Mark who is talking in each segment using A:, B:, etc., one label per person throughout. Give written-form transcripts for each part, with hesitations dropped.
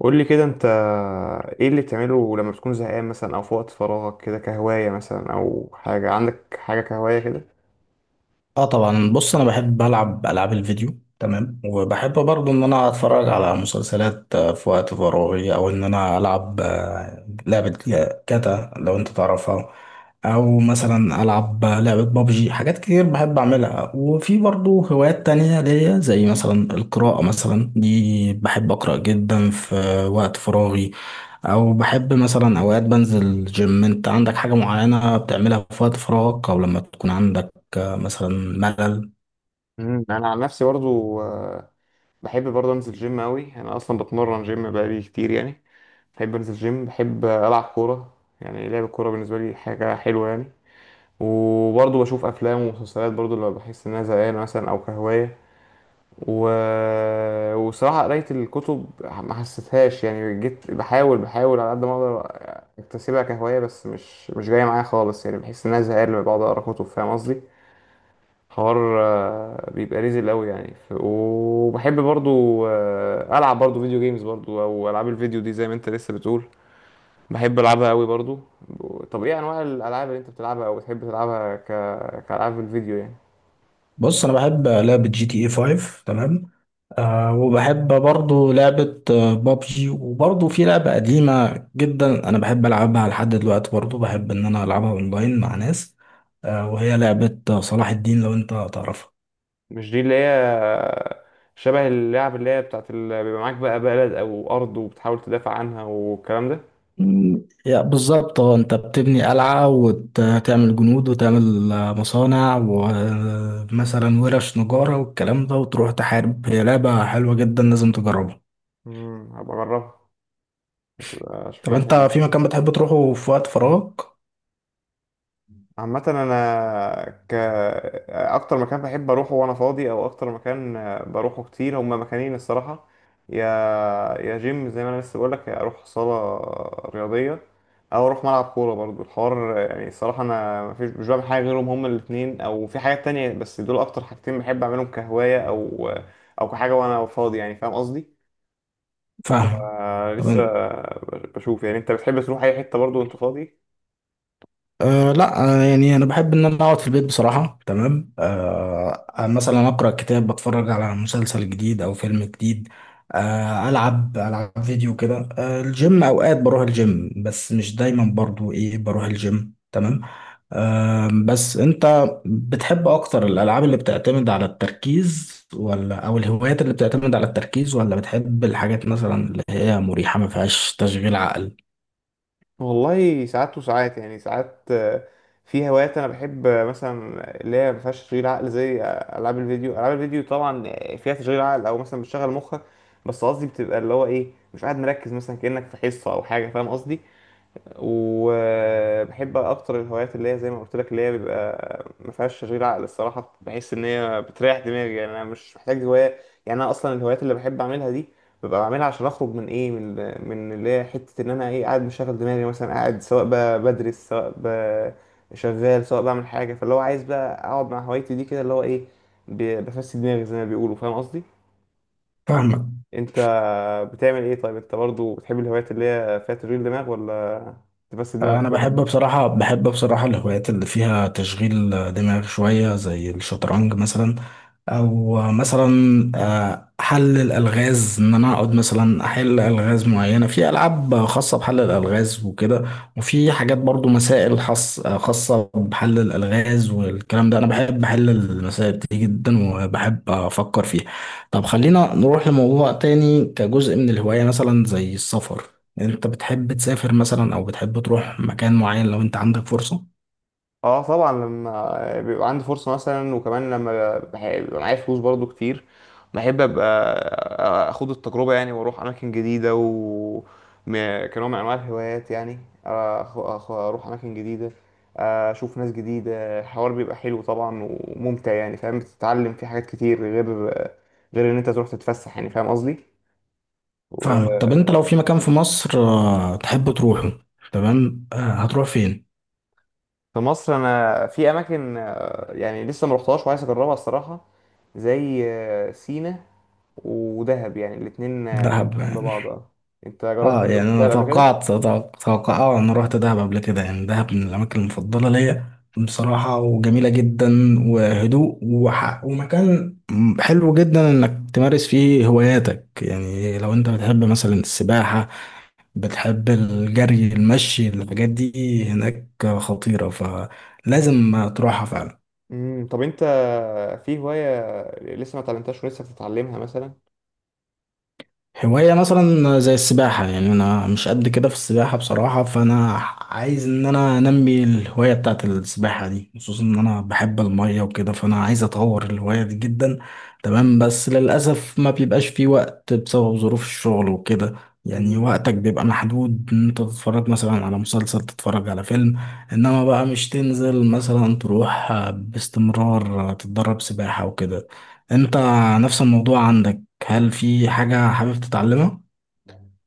A: قول لي كده انت ايه اللي بتعمله لما بتكون زهقان مثلا او في وقت فراغك كده كهواية مثلا او حاجة عندك حاجة كهواية كده.
B: اه طبعا، بص انا بحب العب العاب الفيديو، تمام. وبحب برضو ان انا اتفرج على مسلسلات في وقت فراغي، او ان انا العب لعبة كاتا لو انت تعرفها، او مثلا العب لعبة بابجي. حاجات كتير بحب اعملها، وفي برضو هوايات تانية ليا زي مثلا القراءة، مثلا دي بحب اقرأ جدا في وقت فراغي، او بحب مثلا اوقات بنزل جيم. انت عندك حاجة معينة بتعملها في وقت فراغك، او لما تكون عندك كمثلا ملل؟
A: انا عن نفسي برضو بحب برضو انزل جيم قوي، انا اصلا بتمرن جيم بقالي كتير يعني. بحب انزل جيم، بحب العب كورة، يعني لعب الكورة بالنسبة لي حاجة حلوة يعني. وبرضو بشوف افلام ومسلسلات برضو لما بحس ان انا زهقان مثلا او كهواية. و... وصراحة قراية الكتب ما حسيتهاش، يعني جيت بحاول، على قد ما اقدر اكتسبها كهواية، بس مش جاية معايا خالص، يعني بحس ان انا زهقان لما بقعد اقرا كتب، فاهم قصدي؟ حوار بيبقى ريزل قوي يعني. وبحب برضو العب برضو فيديو جيمز، برضو او العاب الفيديو دي زي ما انت لسه بتقول، بحب العبها قوي برضو. طب ايه انواع الالعاب اللي انت بتلعبها او بتحب تلعبها كالعاب الفيديو يعني؟
B: بص انا بحب لعبة جي تي اي 5، تمام. وبحب برضو لعبة بابجي، وبرضو في لعبة قديمة جدا انا بحب العبها لحد دلوقتي، برضو بحب ان انا العبها اونلاين مع ناس، وهي لعبة صلاح الدين لو انت تعرفها.
A: مش دي اللي هي شبه اللعب اللي هي بتاعت اللي بيبقى معاك بقى بلد او ارض وبتحاول تدافع عنها والكلام ده؟
B: مم، يا بالظبط. اه، انت بتبني قلعة وتعمل جنود وتعمل مصانع، ومثلا ورش نجارة والكلام ده، وتروح تحارب. هي لعبة حلوة جدا، لازم تجربها.
A: هبقى اجربها، هتبقى
B: طب
A: شكلها
B: انت
A: حلو.
B: في مكان بتحب تروحه في وقت فراغك؟
A: عامة أنا أكتر مكان بحب أروحه وأنا فاضي، أو أكتر مكان بروحه كتير، هما مكانين الصراحة. يا يا جيم زي ما أنا لسه بقولك، يا أروح صالة رياضية أو أروح ملعب كورة، برضو الحوار يعني. الصراحة أنا مفيش، مش بعمل حاجة غيرهم، هما الاتنين، أو في حاجات تانية بس دول أكتر حاجتين بحب أعملهم كهواية أو أو كحاجة وأنا فاضي يعني. فاهم قصدي؟
B: فاهم.
A: ف-
B: طب
A: لسه
B: ان-
A: بشوف. يعني أنت بتحب تروح أي حتة برضو وأنت فاضي؟
B: أه لا يعني انا بحب ان انا اقعد في البيت بصراحه، تمام. أه آه، مثلا اقرا كتاب، بتفرج على مسلسل جديد او فيلم جديد، العب فيديو كده. الجيم اوقات بروح الجيم، بس مش دايما، برضو ايه، بروح الجيم، تمام. بس انت بتحب اكتر الالعاب اللي بتعتمد على التركيز، ولا او الهوايات اللي بتعتمد على التركيز، ولا بتحب الحاجات مثلا اللي هي مريحه ما فيهاش تشغيل عقل؟
A: والله ساعات وساعات يعني. ساعات في هوايات انا بحب مثلا اللي هي ما فيهاش تشغيل عقل زي العاب الفيديو. العاب الفيديو طبعا فيها تشغيل عقل او مثلا بتشغل مخك، بس قصدي بتبقى اللي هو ايه، مش قاعد مركز مثلا كأنك في حصة او حاجة، فاهم قصدي؟ وبحب اكتر الهوايات اللي هي زي ما قلت لك، اللي هي بيبقى ما فيهاش تشغيل عقل. الصراحه بحس ان هي بتريح دماغي، يعني انا مش محتاج هوايه. يعني انا اصلا الهوايات اللي بحب اعملها دي ببقى بعملها عشان اخرج من ايه، من من اللي هي حته ان انا ايه، قاعد مشغل دماغي مثلا، قاعد سواء بدرس، سواء شغال، سواء بعمل حاجه. فاللي هو عايز بقى اقعد مع هوايتي دي كده اللي هو ايه، بفسد دماغي زي ما بيقولوا، فاهم قصدي؟
B: فاهمك.
A: انت بتعمل ايه؟ طيب انت برضو بتحب الهوايات اللي هي فيها تشغيل دماغ ولا تفسد دماغك؟
B: انا بحب بصراحه، الهوايات اللي فيها تشغيل دماغ شويه زي الشطرنج مثلا، او مثلا حل الالغاز، ان انا اقعد مثلا احل الغاز معينه في العاب خاصه بحل الالغاز وكده، وفي حاجات برضو مسائل خاصه بحل الالغاز والكلام ده. انا بحب احل المسائل دي جدا، وبحب افكر فيها. طب خلينا نروح لموضوع تاني كجزء من الهوايه، مثلا زي السفر، انت بتحب تسافر مثلا او بتحب تروح مكان معين لو انت عندك فرصة؟
A: اه طبعا، لما بيبقى عندي فرصة مثلا وكمان لما بيبقى معايا فلوس برضو كتير، بحب ابقى اخد التجربة يعني، واروح اماكن جديدة و كنوع من انواع الهوايات يعني. أخ- اروح اماكن جديدة، اشوف ناس جديدة، الحوار بيبقى حلو طبعا وممتع يعني، فاهم بتتعلم فيه حاجات كتير غير ان انت تروح تتفسح، يعني فاهم قصدي؟ و-
B: فاهمك. طب انت لو في مكان في مصر تحب تروحه، تمام، هتروح فين؟
A: في مصر انا في اماكن يعني لسه ما رحتهاش وعايز اجربها الصراحة، زي سينا ودهب، يعني الاتنين
B: دهب
A: جنب
B: يعني.
A: بعض. اه، انت جربت
B: اه،
A: تروح
B: يعني انا
A: دهب قبل كده؟
B: توقعت توقع توقع- اه انا رحت دهب قبل كده، يعني دهب من الاماكن المفضلة ليا بصراحة، وجميلة جدا، وهدوء، ومكان حلو جدا انك تمارس فيه هواياتك، يعني لو انت بتحب مثلا السباحة، بتحب الجري، المشي، الحاجات دي، هناك خطيرة، فلازم تروحها فعلا.
A: طب انت في هواية لسه ما اتعلمتهاش ولسه بتتعلمها مثلا؟
B: هواية مثلا زي السباحة، يعني أنا مش قد كده في السباحة بصراحة، فأنا عايز إن أنا أنمي الهواية بتاعت السباحة دي، خصوصا إن أنا بحب المية وكده، فأنا عايز أطور الهواية دي جدا، تمام. بس للأسف ما بيبقاش في وقت بسبب ظروف الشغل وكده، يعني وقتك بيبقى محدود إن أنت تتفرج مثلا على مسلسل، تتفرج على فيلم، إنما بقى مش تنزل مثلا تروح باستمرار تتدرب سباحة وكده. أنت نفس الموضوع عندك، هل في حاجة حابب تتعلمها؟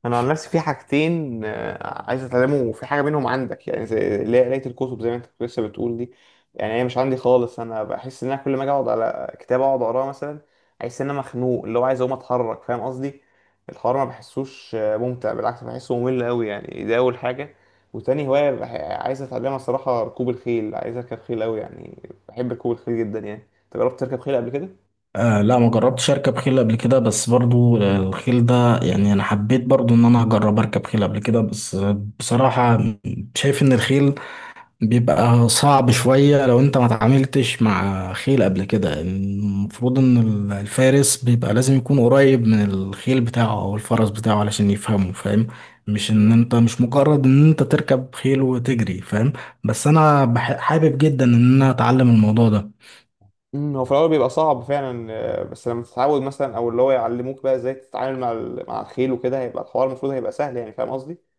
A: انا عن نفسي في حاجتين عايز اتعلمه، وفي حاجه منهم عندك، يعني زي اللي هي قرايه الكتب زي ما انت كنت لسه بتقول دي. يعني هي مش عندي خالص، انا بحس ان انا كل ما اجي اقعد على كتاب اقعد اقراه مثلا، احس ان انا مخنوق اللي هو عايز اقوم اتحرك، فاهم قصدي؟ الحوار ما بحسوش ممتع، بالعكس بحسه ممل قوي يعني، ده اول حاجه. وتاني هوايه عايز اتعلمها الصراحه، ركوب الخيل، عايز اركب خيل قوي يعني. بحب ركوب الخيل جدا يعني. انت جربت تركب خيل قبل
B: آه، لا، ما جربتش اركب خيل قبل كده. بس برضو الخيل ده، يعني انا حبيت برضو ان انا اجرب اركب خيل قبل كده، بس بصراحة شايف ان الخيل بيبقى صعب شوية، لو انت ما تعاملتش مع خيل قبل كده. المفروض ان الفارس بيبقى لازم يكون قريب من الخيل بتاعه او الفرس بتاعه علشان يفهمه، فاهم،
A: كده؟
B: مش مجرد ان انت تركب خيل وتجري، فاهم. بس انا حابب جدا ان انا اتعلم الموضوع ده.
A: مم، هو في الأول بيبقى صعب فعلا بس لما تتعود مثلا، أو اللي هو يعلموك بقى إزاي تتعامل مع مع الخيل وكده، هيبقى الحوار المفروض هيبقى سهل يعني، فاهم قصدي؟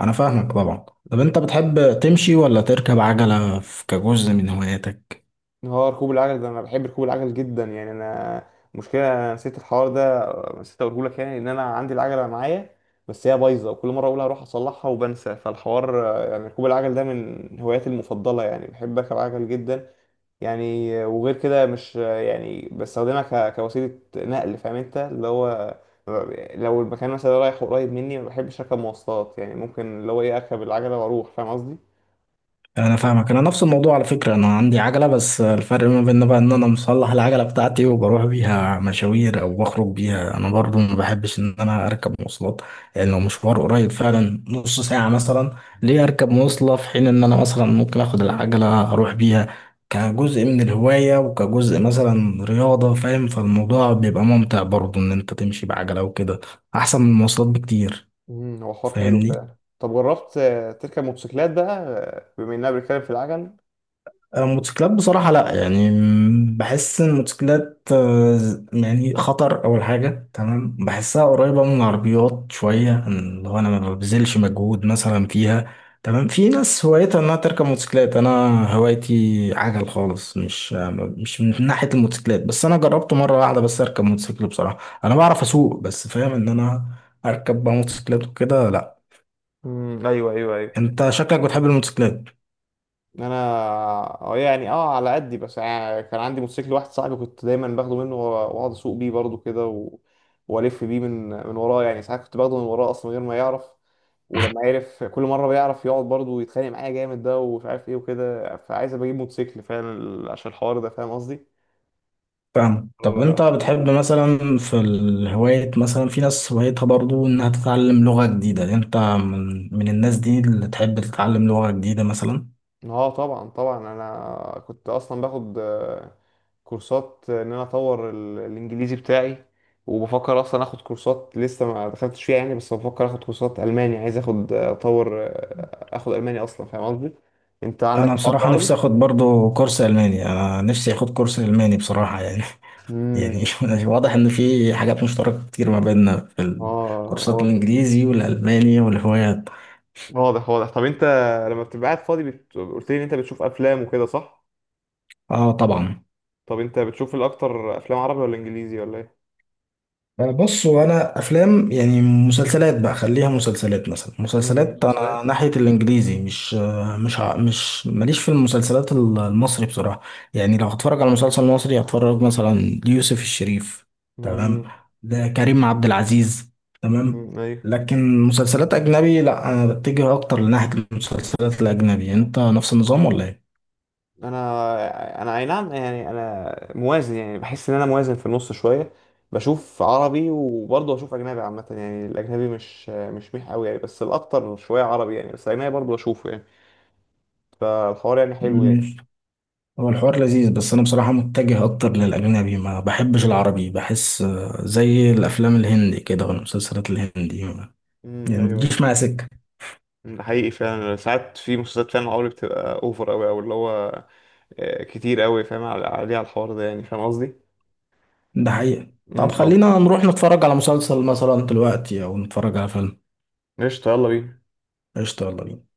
B: انا فاهمك طبعا. طب
A: مم.
B: انت بتحب تمشي ولا تركب عجلة كجزء من هواياتك؟
A: هو ركوب العجل ده أنا بحب ركوب العجل جدا يعني. أنا مشكلة نسيت الحوار ده، نسيت أقوله لك، يعني إن أنا عندي العجلة معايا بس هي بايظة، وكل مرة أقول هروح أصلحها وبنسى. فالحوار يعني ركوب العجل ده من هواياتي المفضلة، يعني بحب أركب عجل جدا يعني. وغير كده مش يعني بستخدمها كوسيلة نقل، فاهم انت اللي هو لو المكان مثلا رايح قريب مني ما بحبش اركب مواصلات، يعني ممكن اللي هو ايه اركب العجلة واروح، فاهم قصدي؟
B: انا فاهمك، انا نفس الموضوع، على فكره انا عندي عجله، بس الفرق ما بيننا بقى ان انا مصلح العجله بتاعتي، وبروح بيها مشاوير او بخرج بيها. انا برضو ما بحبش ان انا اركب مواصلات، يعني لو مشوار قريب فعلا نص ساعه مثلا، ليه اركب مواصله في حين ان انا مثلا ممكن اخد العجله اروح بيها كجزء من الهوايه، وكجزء مثلا رياضه، فاهم، فالموضوع بيبقى ممتع برضو ان انت تمشي بعجله وكده، احسن من المواصلات بكتير.
A: هو حوار حلو
B: فاهمني.
A: فعلا. طب جربت تركب موتوسيكلات بقى بما اننا بنتكلم في العجل؟
B: موتوسيكلات بصراحة لا، يعني بحس إن الموتوسيكلات يعني خطر أول حاجة، تمام،
A: مم.
B: بحسها قريبة من العربيات شوية، اللي هو أنا ما ببذلش مجهود مثلا فيها، تمام. في ناس هوايتها إنها تركب موتوسيكلات، أنا هوايتي عجل خالص، مش مش من ناحية الموتوسيكلات، بس أنا جربت مرة واحدة بس أركب موتوسيكل بصراحة. أنا بعرف أسوق، بس فاهم إن أنا أركب بقى موتوسيكلات وكده، لا.
A: ايوه، ايوه، ايوه.
B: أنت شكلك بتحب الموتوسيكلات.
A: انا يعني اه على قدي بس، يعني كان عندي موتوسيكل واحد صاحبي كنت دايما باخده منه، واقعد اسوق بيه برضه كده والف بيه من وراه يعني. ساعات كنت باخده من وراه اصلا من غير ما يعرف، ولما عرف كل مره بيعرف يقعد برضه ويتخانق معايا جامد ده ومش عارف ايه وكده، فعايز ابقى اجيب موتوسيكل فعلا عشان الحوار ده، فاهم قصدي؟
B: فاهم. طب انت بتحب مثلا في الهواية، مثلا في ناس هوايتها برضو انها تتعلم لغة جديدة، يعني انت من الناس دي اللي تحب تتعلم لغة جديدة مثلا؟
A: اه طبعا، طبعا انا كنت اصلا باخد كورسات ان انا اطور الانجليزي بتاعي، وبفكر اصلا اخد كورسات لسه ما دخلتش فيها يعني، بس بفكر اخد كورسات الماني، عايز اخد اطور اخد الماني اصلا، فاهم قصدي؟ انت عندك
B: انا
A: الحوار ده
B: بصراحة نفسي
A: برضه؟
B: اخد برضو كورس الماني، انا نفسي اخد كورس الماني بصراحة يعني. يعني
A: امم
B: واضح ان في حاجات مشتركة كتير ما بيننا في الكورسات
A: اه.
B: الانجليزي والالماني والهوايات.
A: واضح واضح. طب انت لما بتبقى قاعد فاضي قلت لي ان انت بتشوف افلام وكده صح؟
B: اه طبعا.
A: طب انت بتشوف الاكتر افلام عربي ولا انجليزي ولا ايه؟
B: بص هو انا افلام، يعني مسلسلات بقى، خليها مسلسلات، مثلا مسلسلات انا
A: مسلسلات.
B: ناحيه الانجليزي، مش ماليش في المسلسلات المصري بصراحه، يعني لو هتفرج على مسلسل مصري هتفرج مثلا ليوسف الشريف، تمام،
A: امم
B: ده كريم عبد العزيز، تمام.
A: أمم، ايوه.
B: لكن مسلسلات اجنبي لا، انا بتجه اكتر لناحيه المسلسلات الاجنبي، انت نفس النظام ولا
A: انا اي نعم، يعني انا موازن، يعني بحس ان انا موازن في النص شويه، بشوف عربي وبرضه بشوف اجنبي عامه يعني. الاجنبي مش ميح قوي يعني، بس الاكتر شويه عربي يعني، بس الاجنبي برضه بشوفه يعني. فالحوار يعني حلو يعني.
B: ايه؟ هو الحوار لذيذ، بس انا بصراحة متجه اكتر للاجنبي، ما بحبش العربي، بحس زي الافلام الهندي كده والمسلسلات الهندي، يعني ما
A: ايوه،
B: بتجيش
A: ايوه.
B: معايا سكة.
A: أمم، ده حقيقي فعلا، ساعات في مسلسلات فعلا عربي بتبقى اوفر قوي، او اللي هو كتير قوي فاهم عليه على الحوار ده يعني، فاهم قصدي؟
B: ده حقيقة. طب
A: طب
B: خلينا نروح نتفرج على مسلسل مثلا دلوقتي او نتفرج على فيلم.
A: قشطة، يلا بينا.
B: قشطة يلا بينا.